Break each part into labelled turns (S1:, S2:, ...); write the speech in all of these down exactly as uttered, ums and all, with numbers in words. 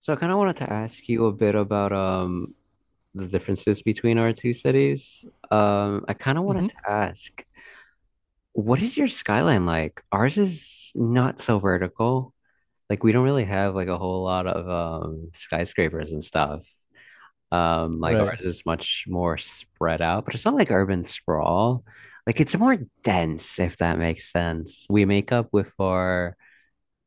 S1: So I kind of wanted to ask you a bit about um the differences between our two cities. Um, I kind of
S2: Mm-hmm.
S1: wanted to ask, what is your skyline like? Ours is not so vertical. Like we don't really have like a whole lot of um skyscrapers and stuff. Um, like
S2: Right.
S1: ours is much more spread out, but it's not like urban sprawl. Like it's more dense, if that makes sense. We make up with our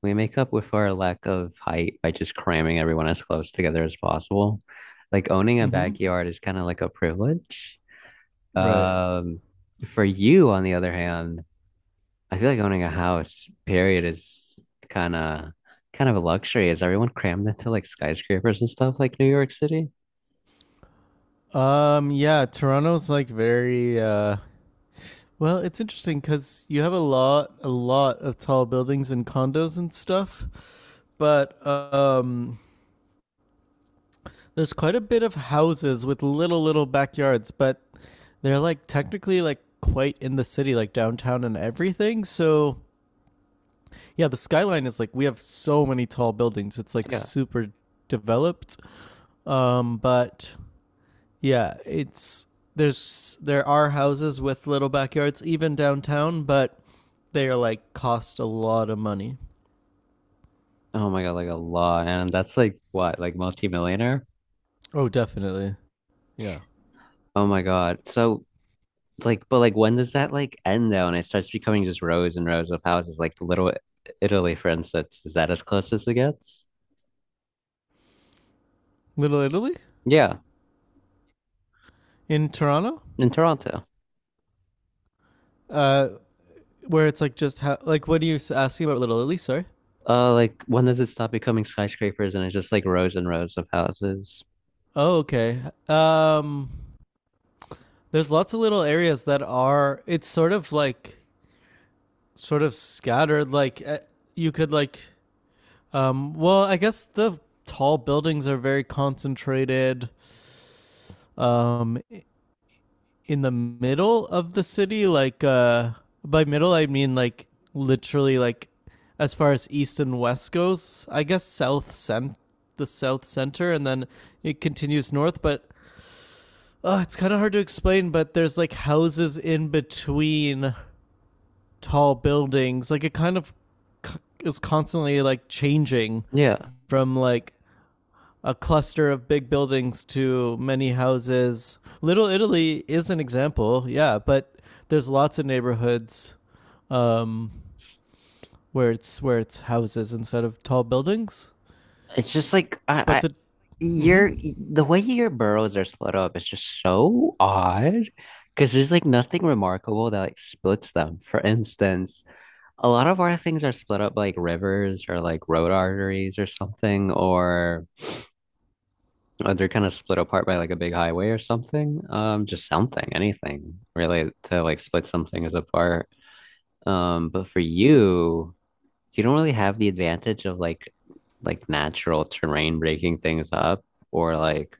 S1: We make up with our lack of height by just cramming everyone as close together as possible. Like owning a
S2: Mm-hmm.
S1: backyard is kind of like a privilege.
S2: Right.
S1: Um, for you, on the other hand, I feel like owning a house, period, is kind of kind of a luxury. Is everyone crammed into like skyscrapers and stuff like New York City?
S2: Um. Yeah. Toronto's like very. Uh, well, it's interesting because you have a lot, a lot of tall buildings and condos and stuff, but um, there's quite a bit of houses with little, little backyards, but they're like technically like quite in the city, like downtown and everything. So yeah, the skyline is like we have so many tall buildings. It's like
S1: Yeah.
S2: super developed. Um, but Yeah, it's there's there are houses with little backyards even downtown, but they are like cost a lot of money.
S1: Oh my God, like a lot. And that's like what, like multimillionaire?
S2: Oh, definitely. Yeah.
S1: Oh my God. So like but like when does that like end though and it starts becoming just rows and rows of houses like Little Italy, for instance? Is that as close as it gets?
S2: Little Italy
S1: Yeah,
S2: in Toronto?
S1: in Toronto.
S2: Uh, where it's like just how like what are you asking about Little Italy, sorry?
S1: Uh, like when does it stop becoming skyscrapers and it's just like rows and rows of houses?
S2: Oh, okay. Um there's lots of little areas that are it's sort of like sort of scattered like eh, you could like um well, I guess the tall buildings are very concentrated um in the middle of the city like uh by middle I mean like literally like as far as east and west goes, I guess south cent the south center, and then it continues north. But oh, it's kind of hard to explain, but there's like houses in between tall buildings. Like it kind of c- is constantly like changing
S1: Yeah,
S2: from like a cluster of big buildings to many houses. Little Italy is an example, yeah, but there's lots of neighborhoods, um, where it's where it's houses instead of tall buildings.
S1: it's just like I,
S2: But
S1: I
S2: the mm-hmm.
S1: your the way your boroughs are split up is just so odd, because there's like nothing remarkable that like splits them. For instance, a lot of our things are split up by, like, rivers or like road arteries or something. Or Uh, they're kind of split apart by like a big highway or something. Um, just something, anything really to like split some things apart. Um, but for you, you don't really have the advantage of like like natural terrain breaking things up or like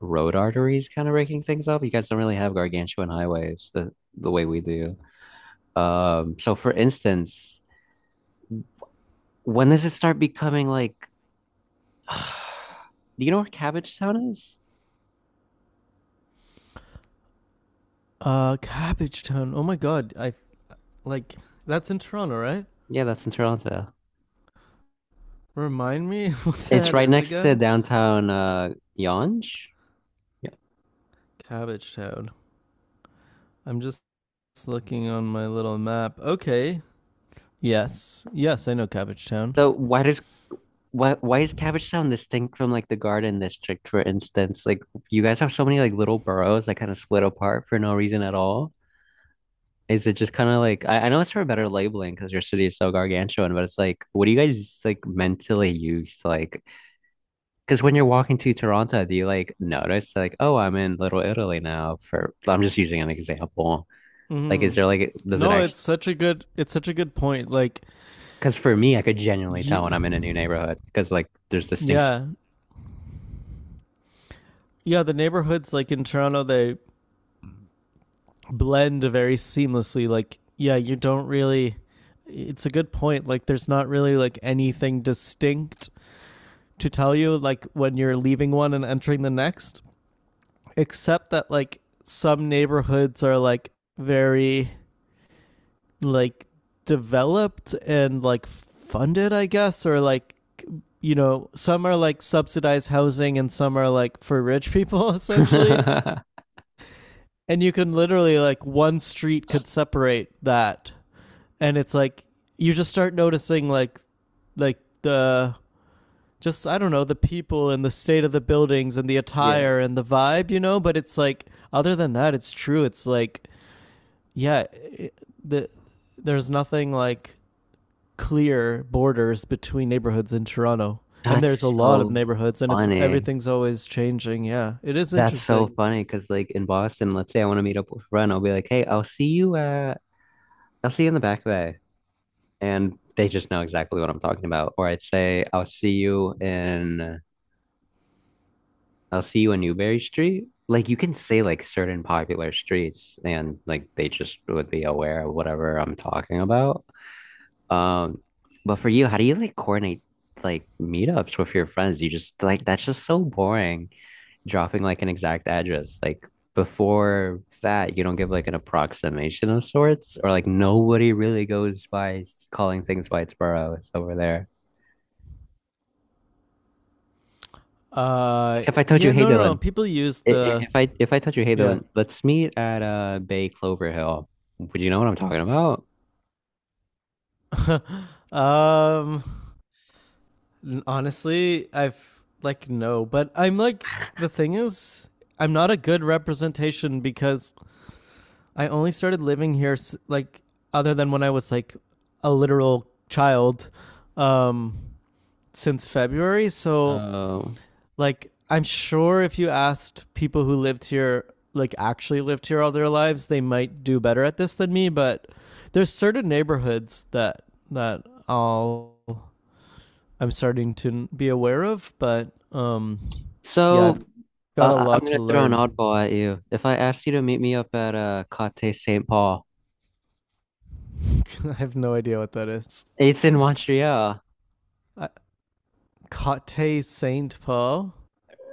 S1: road arteries kind of breaking things up. You guys don't really have gargantuan highways the the way we do. Um, so for instance, when does it start becoming like do you know where Cabbage Town is?
S2: Uh, Cabbage Town. Oh my God, I like that's in Toronto, right?
S1: Yeah, that's in Toronto.
S2: Remind me what
S1: It's
S2: that
S1: right
S2: is
S1: next to
S2: again.
S1: downtown uh Yonge. Yeah.
S2: Cabbage Town. I'm just looking on my little map. Okay. Yes. Yes, I know Cabbage Town.
S1: So why does why why is Cabbage Town distinct from like the Garden District, for instance? Like you guys have so many like little boroughs that kind of split apart for no reason at all. Is it just kind of like I, I know it's for better labeling because your city is so gargantuan, but it's like what do you guys like mentally use? Like because when you're walking to Toronto, do you like notice like oh I'm in Little Italy now? For I'm just using an example. Like is
S2: Mm-hmm.
S1: there like does it Oh,
S2: No,
S1: actually,
S2: it's such a good it's such a good point. Like
S1: because for me, I could genuinely tell when
S2: you,
S1: I'm in a new neighborhood because like there's distinction.
S2: yeah. Yeah, the neighborhoods like in Toronto they blend very seamlessly. Like yeah, you don't really, it's a good point. Like there's not really like anything distinct to tell you like when you're leaving one and entering the next, except that like some neighborhoods are like very like developed and like funded, I guess, or like you know, some are like subsidized housing and some are like for rich people essentially. And you can literally like one street could separate that. And it's like you just start noticing like like the just I don't know, the people and the state of the buildings and the
S1: Yeah.
S2: attire and the vibe, you know, but it's like other than that it's true. It's like yeah, it, the there's nothing like clear borders between neighborhoods in Toronto. And there's a
S1: That's
S2: lot of
S1: so
S2: neighborhoods, and it's
S1: funny.
S2: everything's always changing. Yeah, it is
S1: That's so
S2: interesting.
S1: funny because like in Boston, let's say I want to meet up with a friend, I'll be like, "Hey, I'll see you uh I'll see you in the Back Bay." And they just know exactly what I'm talking about. Or I'd say, "I'll see you in "I'll see you in Newberry Street." Like you can say like certain popular streets and like they just would be aware of whatever I'm talking about. Um, but for you, how do you like coordinate like meetups with your friends? You just like that's just so boring dropping like an exact address. Like before that, you don't give like an approximation of sorts, or like nobody really goes by s- calling things by its borough. It's over there.
S2: Uh,
S1: Like if I told you,
S2: yeah,
S1: hey
S2: no, no, no.
S1: Dylan,
S2: People use
S1: i- i-
S2: the
S1: if I if I told you, hey
S2: yeah.
S1: Dylan, let's meet at uh Bay Clover Hill, would you know what I'm talking about?
S2: um, honestly, I've like no, but I'm like the thing is, I'm not a good representation because I only started living here like other than when I was like a literal child um since February. So
S1: Oh.
S2: like I'm sure if you asked people who lived here, like actually lived here all their lives, they might do better at this than me. But there's certain neighborhoods that that I'll I'm starting to be aware of. But um, yeah, I've
S1: So,
S2: got a
S1: uh, I- I'm
S2: lot
S1: gonna
S2: to
S1: throw an
S2: learn.
S1: oddball at you. If I asked you to meet me up at uh Côté Saint Paul,
S2: I have no idea what that is.
S1: it's in Montreal.
S2: I, Cote Saint Paul,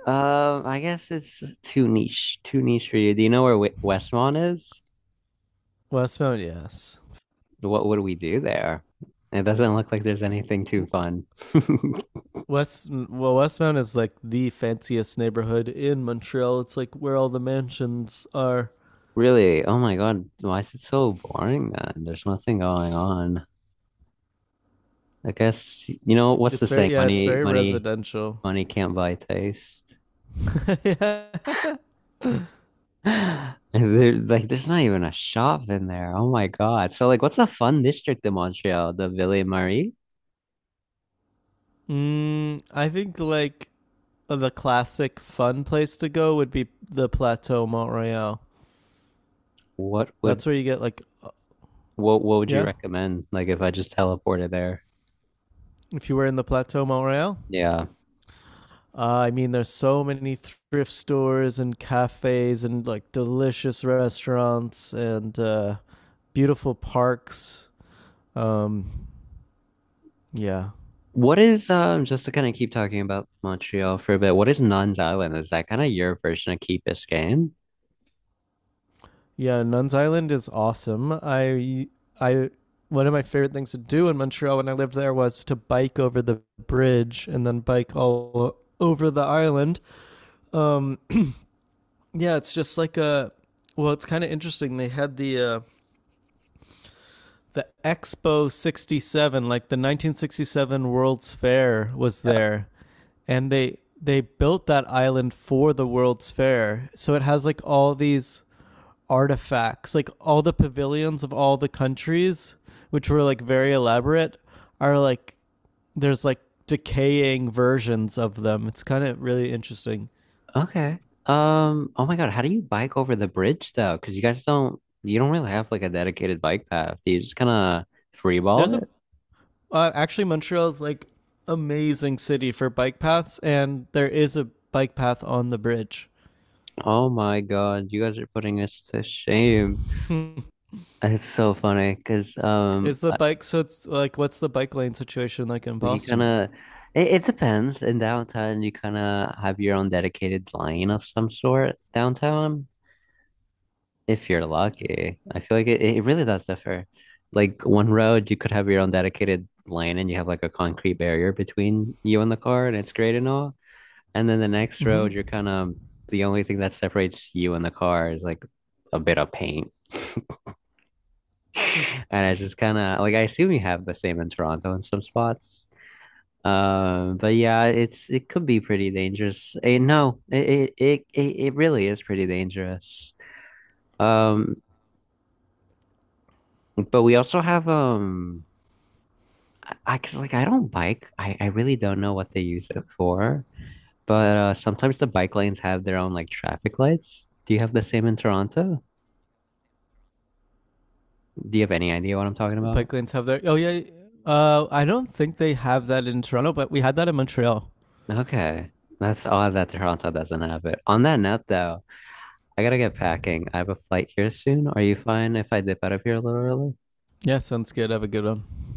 S1: Um, I guess it's too niche, too niche for you. Do you know where Wi- Westmont is?
S2: Westmount, yes.
S1: What would we do there? It doesn't look like there's anything too fun.
S2: West, well Westmount is like the fanciest neighborhood in Montreal. It's like where all the mansions are.
S1: Really? Oh my God, why is it so boring then? There's nothing going on. I guess you know what's the
S2: It's
S1: saying?
S2: very, yeah, it's
S1: Money,
S2: very
S1: money,
S2: residential.
S1: money can't buy taste.
S2: Yeah.
S1: And there, like, there's not even a shop in there. Oh my God. So, like, what's a fun district in Montreal? The Ville Marie?
S2: Mm, I think like the classic fun place to go would be the Plateau Mont-Royal.
S1: What would
S2: That's where you get like uh,
S1: what what would you
S2: yeah,
S1: recommend? Like, if I just teleported there?
S2: if you were in the Plateau Montreal.
S1: Yeah.
S2: Uh, I mean, there's so many thrift stores and cafes and like delicious restaurants and uh, beautiful parks. Um, Yeah.
S1: What is um just to kind of keep talking about Montreal for a bit, what is Nuns Island? Is that kind of your version of Key Biscayne?
S2: Yeah, Nuns Island is awesome. I I one of my favorite things to do in Montreal when I lived there was to bike over the bridge and then bike all over the island. Um yeah, it's just like a well, it's kind of interesting. They had the uh the Expo sixty-seven, like the nineteen sixty-seven World's Fair was
S1: Yeah.
S2: there, and they they built that island for the World's Fair. So it has like all these artifacts, like all the pavilions of all the countries, which were like very elaborate, are like there's like decaying versions of them. It's kind of really interesting.
S1: Okay. Um, oh my God, how do you bike over the bridge though? Because you guys don't you don't really have like a dedicated bike path. Do you just kind of
S2: There's a
S1: freeball?
S2: uh, actually Montreal's like amazing city for bike paths, and there is a bike path on the bridge.
S1: Oh my God, you guys are putting us to shame. It's so funny because um
S2: Is the
S1: uh,
S2: bike, so it's like what's the bike lane situation like in
S1: you kind
S2: Boston?
S1: of it, it depends. In downtown, you kind of have your own dedicated line of some sort downtown if you're lucky. I feel like it, it really does differ. Like one road, you could have your own dedicated lane and you have like a concrete barrier between you and the car and it's great and all. And then the next
S2: Mm-hmm.
S1: road, you're kind of the only thing that separates you and the car is like a bit of paint. And I just kind of like I assume you have the same in Toronto in some spots. Um, but yeah, it's it could be pretty dangerous. Eh, no, it, it it it really is pretty dangerous. Um, but we also have um, I I- cause like I don't bike. I I really don't know what they use it for. But uh, sometimes the bike lanes have their own like traffic lights. Do you have the same in Toronto? Do you have any idea what I'm talking
S2: The
S1: about?
S2: bike lanes have their oh yeah. Uh, I don't think they have that in Toronto, but we had that in Montreal.
S1: Okay, that's odd that Toronto doesn't have it. On that note, though, I gotta get packing. I have a flight here soon. Are you fine if I dip out of here a little early?
S2: Yeah, sounds good. Have a good one.